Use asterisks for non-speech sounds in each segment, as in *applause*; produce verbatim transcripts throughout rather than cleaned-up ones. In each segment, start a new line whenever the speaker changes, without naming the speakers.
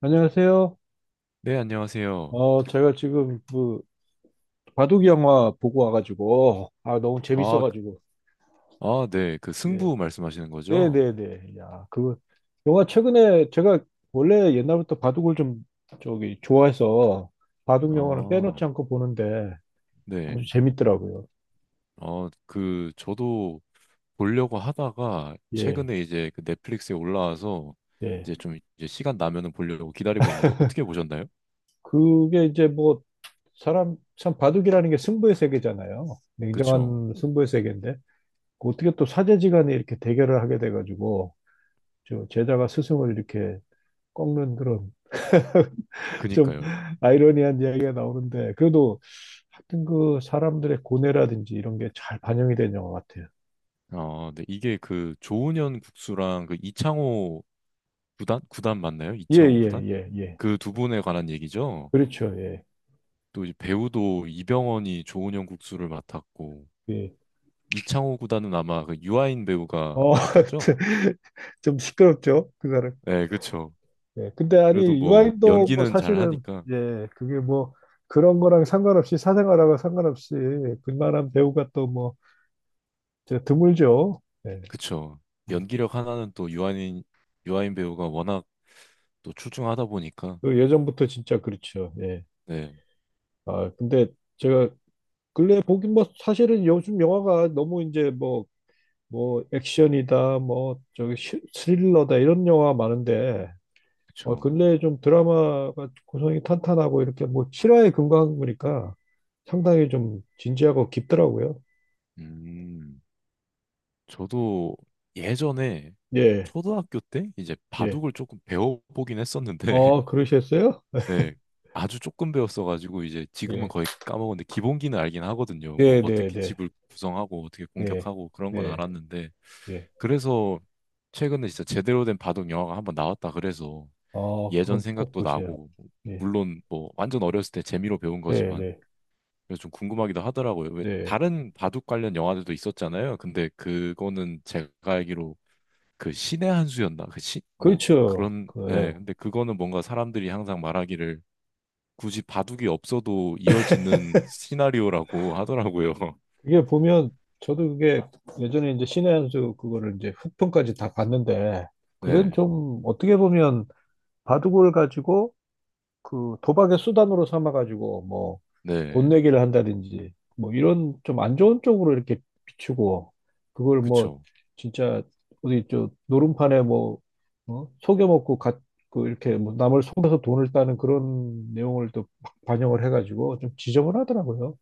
안녕하세요.
네, 안녕하세요.
어, 제가 지금 그 바둑 영화 보고 와가지고 아 너무
아, 그-
재밌어가지고
아, 네. 그
예,
승부 말씀하시는
네,
거죠?
네, 네. 야, 그 영화 최근에 제가 원래 옛날부터 바둑을 좀 저기 좋아해서 바둑 영화는
아,
빼놓지 않고 보는데 아주
네.
재밌더라고요.
어, 그 저도 보려고 하다가
예,
최근에 이제 그 넷플릭스에 올라와서
네.
이제 좀 이제 시간 나면은 보려고 기다리고 있는데 어떻게 보셨나요?
그게 이제 뭐 사람 참 바둑이라는 게 승부의 세계잖아요.
그쵸?
냉정한 승부의 세계인데 그 어떻게 또 사제지간에 이렇게 대결을 하게 돼가지고 저 제자가 스승을 이렇게 꺾는 그런 *laughs* 좀
그니까요.
아이러니한 이야기가 나오는데 그래도 하여튼 그 사람들의 고뇌라든지 이런 게 잘 반영이 된 영화 같아요.
아, 네. 이게 그 조은현 국수랑 그 이창호 구단? 구단 맞나요?
예,
이창호
예,
구단?
예, 예.
그 두 분에 관한 얘기죠?
그렇죠. 예.
또 이제 배우도 이병헌이 조은현 국수를 맡았고
예.
이창호 구단은 아마 그 유아인 배우가
어, *laughs*
맡았죠?
좀 시끄럽죠, 그 사람.
네, 그쵸.
예. 근데
그래도
아니
뭐
유아인도 뭐
연기는 잘
사실은
하니까
예, 그게 뭐 그런 거랑 상관없이 사생활하고 상관없이 그만한 배우가 또 뭐 드물죠. 예.
그쵸. 연기력 하나는 또 유아인 유아인 배우가 워낙 또 출중하다 보니까
그 예전부터 진짜 그렇죠. 예.
네,
아, 근데 제가 근래 보긴 뭐 사실은 요즘 영화가 너무 이제 뭐 뭐 액션이다 뭐 저기 시- 스릴러다 이런 영화 많은데 어
그쵸.
근래 좀 드라마가 구성이 탄탄하고 이렇게 뭐 실화에 근거한 거니까 상당히 좀 진지하고 깊더라고요.
음, 저도 예전에
예,
초등학교 때 이제
예.
바둑을 조금 배워보긴 했었는데
어
*laughs*
그러셨어요?
네, 아주 조금 배웠어 가지고 이제 지금은
예.
거의 까먹었는데 기본기는 알긴 하거든요. 뭐
네, 네,
어떻게
네,
집을 구성하고 어떻게
네,
공격하고 그런 건
네,
알았는데
예.
그래서 최근에 진짜 제대로 된 바둑 영화가 한번 나왔다 그래서
어
예전
그건 꼭
생각도
보세요.
나고
예,
물론 뭐 완전 어렸을 때 재미로 배운
네,
거지만
네,
그래서 좀 궁금하기도 하더라고요. 왜
네.
다른 바둑 관련 영화들도 있었잖아요. 근데 그거는 제가 알기로 그 신의 한 수였나? 그 시, 뭐
그렇죠.
그런
그,
예.
예.
근데 그거는 뭔가 사람들이 항상 말하기를 굳이 바둑이 없어도 이어지는 시나리오라고 하더라고요. *laughs*
그게 보면 저도 그게 예전에 이제 신의 한 수 그거를 이제 후편까지 다 봤는데 그건
네,
좀 어떻게 보면 바둑을 가지고 그 도박의 수단으로 삼아 가지고 뭐 돈
네,
내기를 한다든지 뭐 이런 좀 안 좋은 쪽으로 이렇게 비추고 그걸 뭐
그쵸.
진짜 어디 저 노름판에 뭐 어? 속여먹고 갓 그 이렇게 뭐 남을 속여서 돈을 따는 그런 내용을 또 막 반영을 해가지고 좀 지저분하더라고요.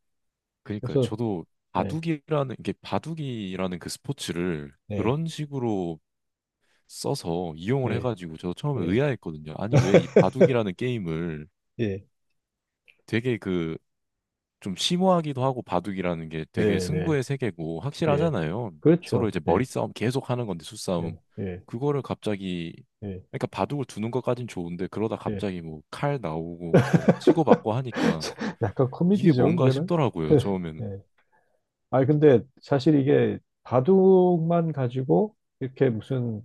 그러니까요.
그래서
저도
네
바둑이라는 이게 바둑이라는 그 스포츠를
네,
그런 식으로 써서 이용을
네.
해가지고 저도 처음에
예,
의아했거든요. 아니 왜 이 바둑이라는 게임을
예,
되게 그 좀 심오하기도 하고 바둑이라는 게 되게
예
승부의
네,
세계고
예.
확실하잖아요. 서로
그렇죠.
이제
예
머리싸움 계속 하는 건데 수싸움.
예,
그거를 갑자기
예, 예.
그러니까 바둑을 두는 것까진 좋은데 그러다
예.
갑자기 뭐 칼 나오고 뭐 치고받고 하니까
*laughs* 약간
이게
코미디죠,
뭔가
그거는.
싶더라고요.
*laughs*
처음에는.
예. 아, 근데 사실 이게 바둑만 가지고 이렇게 무슨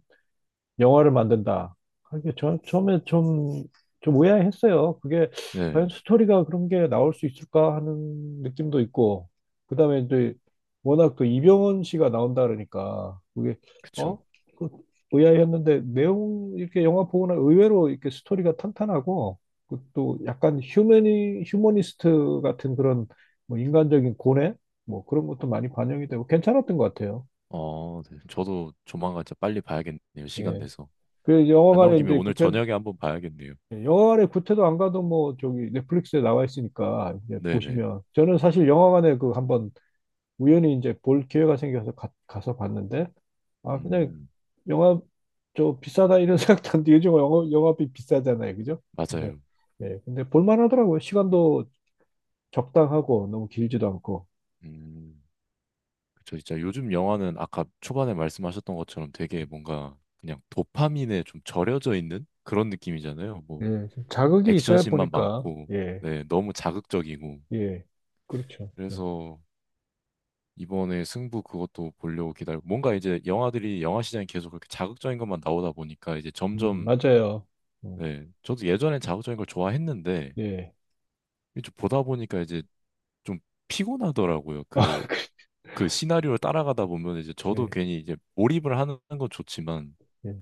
영화를 만든다. 아, 이게 저, 처음에 좀, 좀 의아했어요. 그게
네.
과연 스토리가 그런 게 나올 수 있을까 하는 느낌도 있고, 그 다음에 이제 워낙 또 이병헌 씨가 나온다 그러니까, 그게, 어?
그쵸.
그 의아했는데, 내용, 이렇게 영화 보거나 의외로 이렇게 스토리가 탄탄하고, 그또 약간 휴머니, 휴머니스트 같은 그런 뭐 인간적인 고뇌? 뭐 그런 것도 많이 반영이 되고 괜찮았던 것 같아요.
어, 네. 저도 조만간 진짜 빨리 봐야겠네요. 시간
예.
내서.
그
말 나온
영화관에
김에
이제
오늘
구태,
저녁에 한번 봐야겠네요.
예, 영화관에 구태도 안 가도 뭐 저기 넷플릭스에 나와 있으니까 이제
네네.
보시면 저는 사실 영화관에 그 한번 우연히 이제 볼 기회가 생겨서 가, 가서 봤는데 아 그냥
음,
영화 저 비싸다 이런 *laughs* 생각도 안 들고 요즘 영화, 영화비 비싸잖아요 그죠? 근데
맞아요.
예 근데 볼만하더라고요 시간도 적당하고 너무 길지도 않고
음. 그쵸, 진짜 요즘 영화는 아까 초반에 말씀하셨던 것처럼 되게 뭔가 그냥 도파민에 좀 절여져 있는 그런 느낌이잖아요. 뭐
예좀 자극이 있어야
액션씬만
보니까
많고,
예
네, 너무 자극적이고.
예 그렇죠 예.
그래서 이번에 승부 그것도 보려고 기다리고 뭔가 이제 영화들이 영화 시장이 계속 그렇게 자극적인 것만 나오다 보니까 이제
음,
점점
맞아요 음,
네, 저도 예전엔 자극적인 걸 좋아했는데
예
이제 좀 보다 보니까 이제 좀 피곤하더라고요.
*laughs* 아,
그
그,
그 시나리오를 따라가다 보면 이제 저도
예,
괜히 이제 몰입을 하는 건 좋지만
예.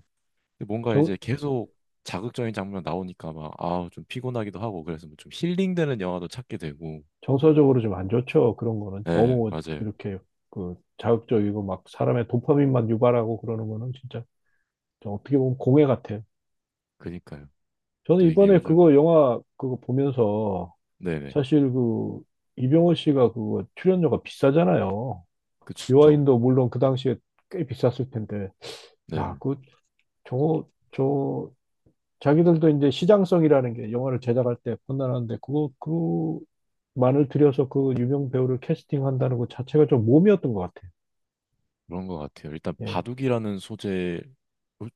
뭔가 이제 계속 자극적인 장면 나오니까 막, 아, 좀 피곤하기도 하고, 그래서 뭐좀 힐링되는 영화도 찾게 되고.
정서적으로 좀 안 좋죠. 그런 거는
네,
너무
맞아요.
이렇게 그 자극적이고 막 사람의 도파민만 유발하고 그러는 거는 진짜 어떻게 보면 공해 같아요.
그니까요.
저는
또 이게
이번에
요즘,
그거 영화 그거 보면서
네네.
사실 그 이병헌 씨가 그거 출연료가 비싸잖아요.
그쵸.
요아인도 물론 그 당시에 꽤 비쌌을 텐데 야,
네.
그 저거 저 자기들도 이제 시장성이라는 게 영화를 제작할 때 판단하는데 그거 그 만을 들여서 그 유명 배우를 캐스팅한다는 것 자체가 좀 모험이었던 것 같아요.
그런 것 같아요. 일단
예,
바둑이라는 소재, 솔-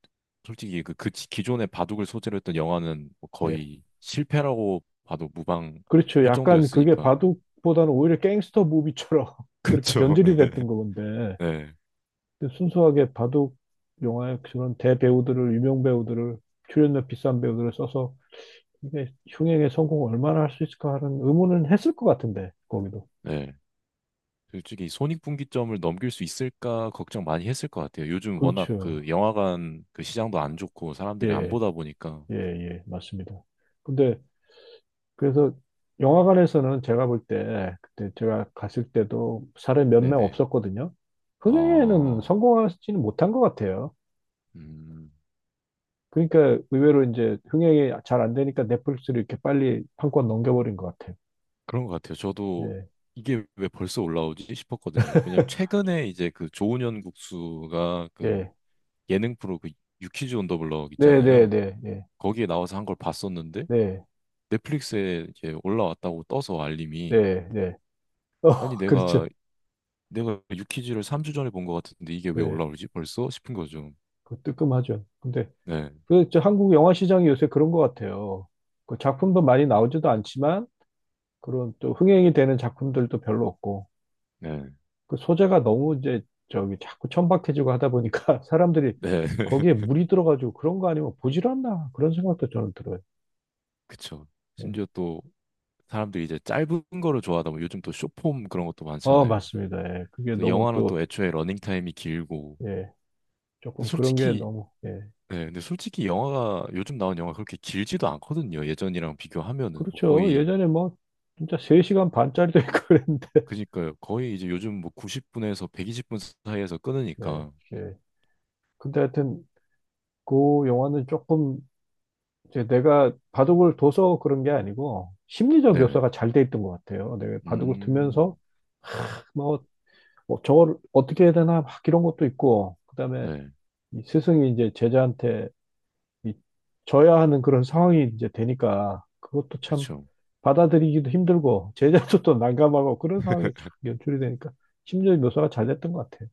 솔직히 그, 그 지- 기존의 바둑을 소재로 했던 영화는 뭐
예.
거의 실패라고 봐도 무방할
그렇죠. 약간 그게
정도였으니까.
바둑보다는 오히려 갱스터 무비처럼
*laughs*
*laughs* 그렇게
그쵸.
변질이
네.
됐던 건데,
네.
근데 순수하게 바둑 영화의 그런 대배우들을, 유명 배우들을, 출연료 비싼 배우들을 써서 이게 흥행에 성공을 얼마나 할 수 있을까 하는 의문은 했을 것 같은데, 거기도.
네. 솔직히 손익분기점을 넘길 수 있을까 걱정 많이 했을 것 같아요. 요즘 워낙
그렇죠.
그 영화관 그 시장도 안 좋고 사람들이 안
예,
보다 보니까.
예, 예, 맞습니다. 근데 그래서 영화관에서는 제가 볼 때, 그때 제가 갔을 때도 사람이 몇 명
네네.
없었거든요. 흥행에는
아,
성공하지는 못한 것 같아요.
음,
그러니까 의외로 이제 흥행이 잘 안 되니까 넷플릭스를 이렇게 빨리 판권 넘겨버린 것 같아요.
그런 것 같아요. 저도
예,
이게 왜 벌써 올라오지 싶었거든요. 왜냐면 최근에 이제 그 조은현 국수가 그
예.
예능 프로 그 유퀴즈 온 더 블럭
네, 네,
있잖아요.
네, 예,
거기에 나와서 한 걸 봤었는데
네,
넷플릭스에 이제 올라왔다고 떠서 알림이
네, 네. 어,
아니
*laughs*
내가
그렇죠.
내가 유퀴즈를 삼 주 전에 본 것 같은데 이게 왜
네,
올라오지 벌써? 싶은 거죠.
그 뜨끔하죠. 근데
네,
그저 한국 영화 시장이 요새 그런 것 같아요. 그 작품도 많이 나오지도 않지만 그런 또 흥행이 되는 작품들도 별로 없고
네,
그 소재가 너무 이제 저기 자꾸 천박해지고 하다 보니까 *laughs* 사람들이
네.
거기에
*laughs*
물이 들어가지고 그런 거 아니면 보질 않나 그런 생각도 저는 들어요.
그쵸.
네.
심지어 또 사람들이 이제 짧은 거를 좋아하다 보면 요즘 또 숏폼 그런 것도
어,
많잖아요.
맞습니다. 예. 그게
그래서
너무
영화는
또,
또 애초에 러닝타임이 길고.
예, 조금
근데
그런 게
솔직히,
너무, 예.
네, 근데 솔직히 영화가, 요즘 나온 영화 그렇게 길지도 않거든요. 예전이랑 비교하면은. 뭐
그렇죠.
거의,
예전에 뭐, 진짜 세 시간 반짜리도 있고 그랬는데,
그니까요. 거의 이제 요즘 뭐 구십 분에서 백이십 분 사이에서
*laughs* 예,
끊으니까.
예. 근데 하여튼, 그 영화는 조금, 이제 내가 바둑을 둬서 그런 게 아니고, 심리적
네네.
묘사가 잘 돼 있던 것 같아요. 내가 바둑을 두면서,
음,
뭐, 뭐 저걸 어떻게 해야 되나, 막 이런 것도 있고, 그 다음에
네.
스승이 이제 제자한테 이- 져야 하는 그런 상황이 이제 되니까 그것도 참
그쵸.
받아들이기도 힘들고 *laughs* 제자도 또 난감하고 그런 상황이 참 연출이 되니까 심리적 묘사가 잘 됐던 것 같아요.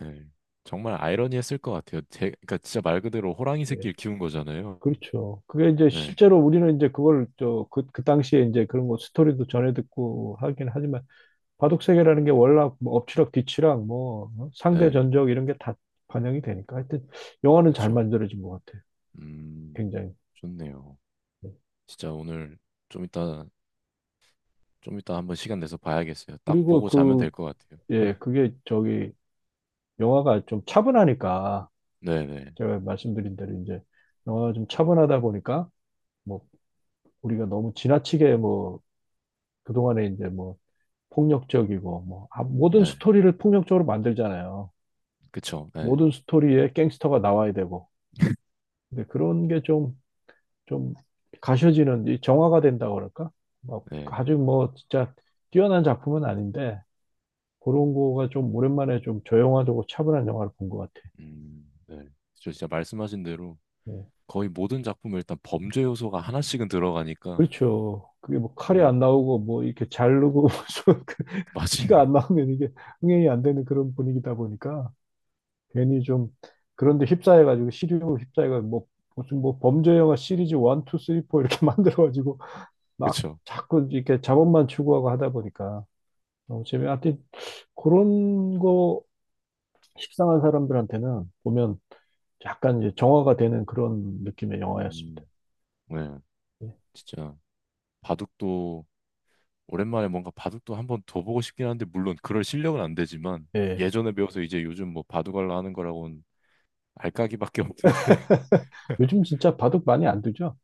네. 정말 아이러니했을 것 같아요. 제, 그러니까 진짜 말 그대로 호랑이
예.
새끼를 키운 거잖아요.
그렇죠. 그게 이제
네,
실제로 우리는 이제 그걸 저 그 그 당시에 이제 그런 거 스토리도 전해 듣고 하긴 하지만 바둑 세계라는 게 월락 뭐 엎치락 뒤치락 뭐 어? 상대
네,
전적 이런 게 다 반영이 되니까 하여튼 영화는 잘
그쵸.
만들어진 것 같아요.
음,
굉장히.
좋네요.
예.
진짜 오늘 좀 이따, 좀 이따 한번 시간 내서 봐야겠어요. 딱
그리고
보고 자면 될
그
것 같아요.
예, 그게 저기 영화가 좀 차분하니까
네, 네,
제가 말씀드린 대로 이제 영화가 좀 차분하다 보니까 뭐 우리가 너무 지나치게 뭐 그동안에 이제 뭐 폭력적이고 뭐 아, 모든
네,
스토리를 폭력적으로 만들잖아요.
그쵸. 네,
모든 스토리에 갱스터가 나와야 되고 근데 그런 게 좀 좀 가셔지는 이 정화가 된다고 그럴까? 막
네,
아주 뭐 진짜 뛰어난 작품은 아닌데 그런 거가 좀 오랜만에 좀 조용하고 차분한 영화를 본 것 같아.
음, 네. 저 진짜 말씀하신 대로
예.
거의 모든 작품에 일단 범죄 요소가 하나씩은 들어가니까,
그렇죠. 그게 뭐 칼이
네,
안 나오고 뭐 이렇게 자르고 *laughs* 그 피가
맞아요.
안 나오면 이게 흥행이 안 되는 그런 분위기다 보니까 괜히 좀 그런데 휩싸여가지고 시류로 휩싸여가지고 뭐 무슨 뭐 범죄 영화 시리즈 일, 이, 삼, 사 이렇게 *laughs* 만들어가지고
*laughs*
막
그쵸.
자꾸 이렇게 자본만 추구하고 하다 보니까 너무 재미. 하여튼 그런 거 식상한 사람들한테는 보면 약간 이제 정화가 되는 그런 느낌의 영화였습니다.
음, 네,
예.
진짜 바둑도 오랜만에 뭔가 바둑도 한번 더 보고 싶긴 한데 물론 그럴 실력은 안 되지만
예.
예전에 배워서 이제 요즘 뭐 바둑알라 하는 거라고는 알까기밖에 없는데
요즘
*laughs*
진짜 바둑 많이 안 두죠?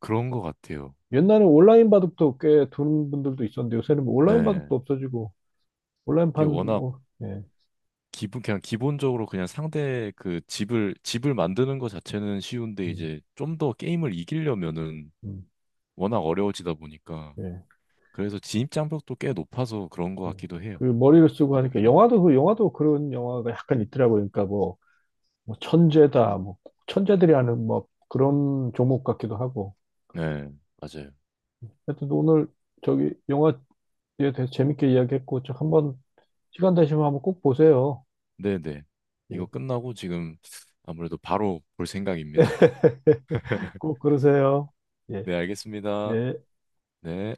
그런 것 같아요.
옛날에 온라인 바둑도 꽤 두는 분들도 있었는데 요새는 뭐 온라인 바둑도
예.
없어지고
이게
온라인판
워낙
뭐 예.
기본 그냥 기본적으로 그냥 상대 그 집을 집을 만드는 것 자체는 쉬운데
음,
이제 좀 더 게임을 이기려면은
음,
워낙 어려워지다 보니까
예.
그래서 진입 장벽도 꽤 높아서 그런 것
예.
같기도 해요.
그 머리를 쓰고 하니까
바둑이라는 게.
영화도 그 영화도 그런 영화가 약간 있더라고요. 그러니까 뭐, 뭐 천재다 뭐 천재들이 하는 뭐 그런 종목 같기도 하고.
네, 맞아요.
하여튼 오늘 저기 영화에 대해서 재밌게 이야기했고 저 한번 시간 되시면 한번 꼭 보세요.
네네. 이거
예.
끝나고 지금 아무래도 바로 볼 생각입니다.
*laughs*
*laughs*
꼭 그러세요. 예.
네, 알겠습니다.
예.
네.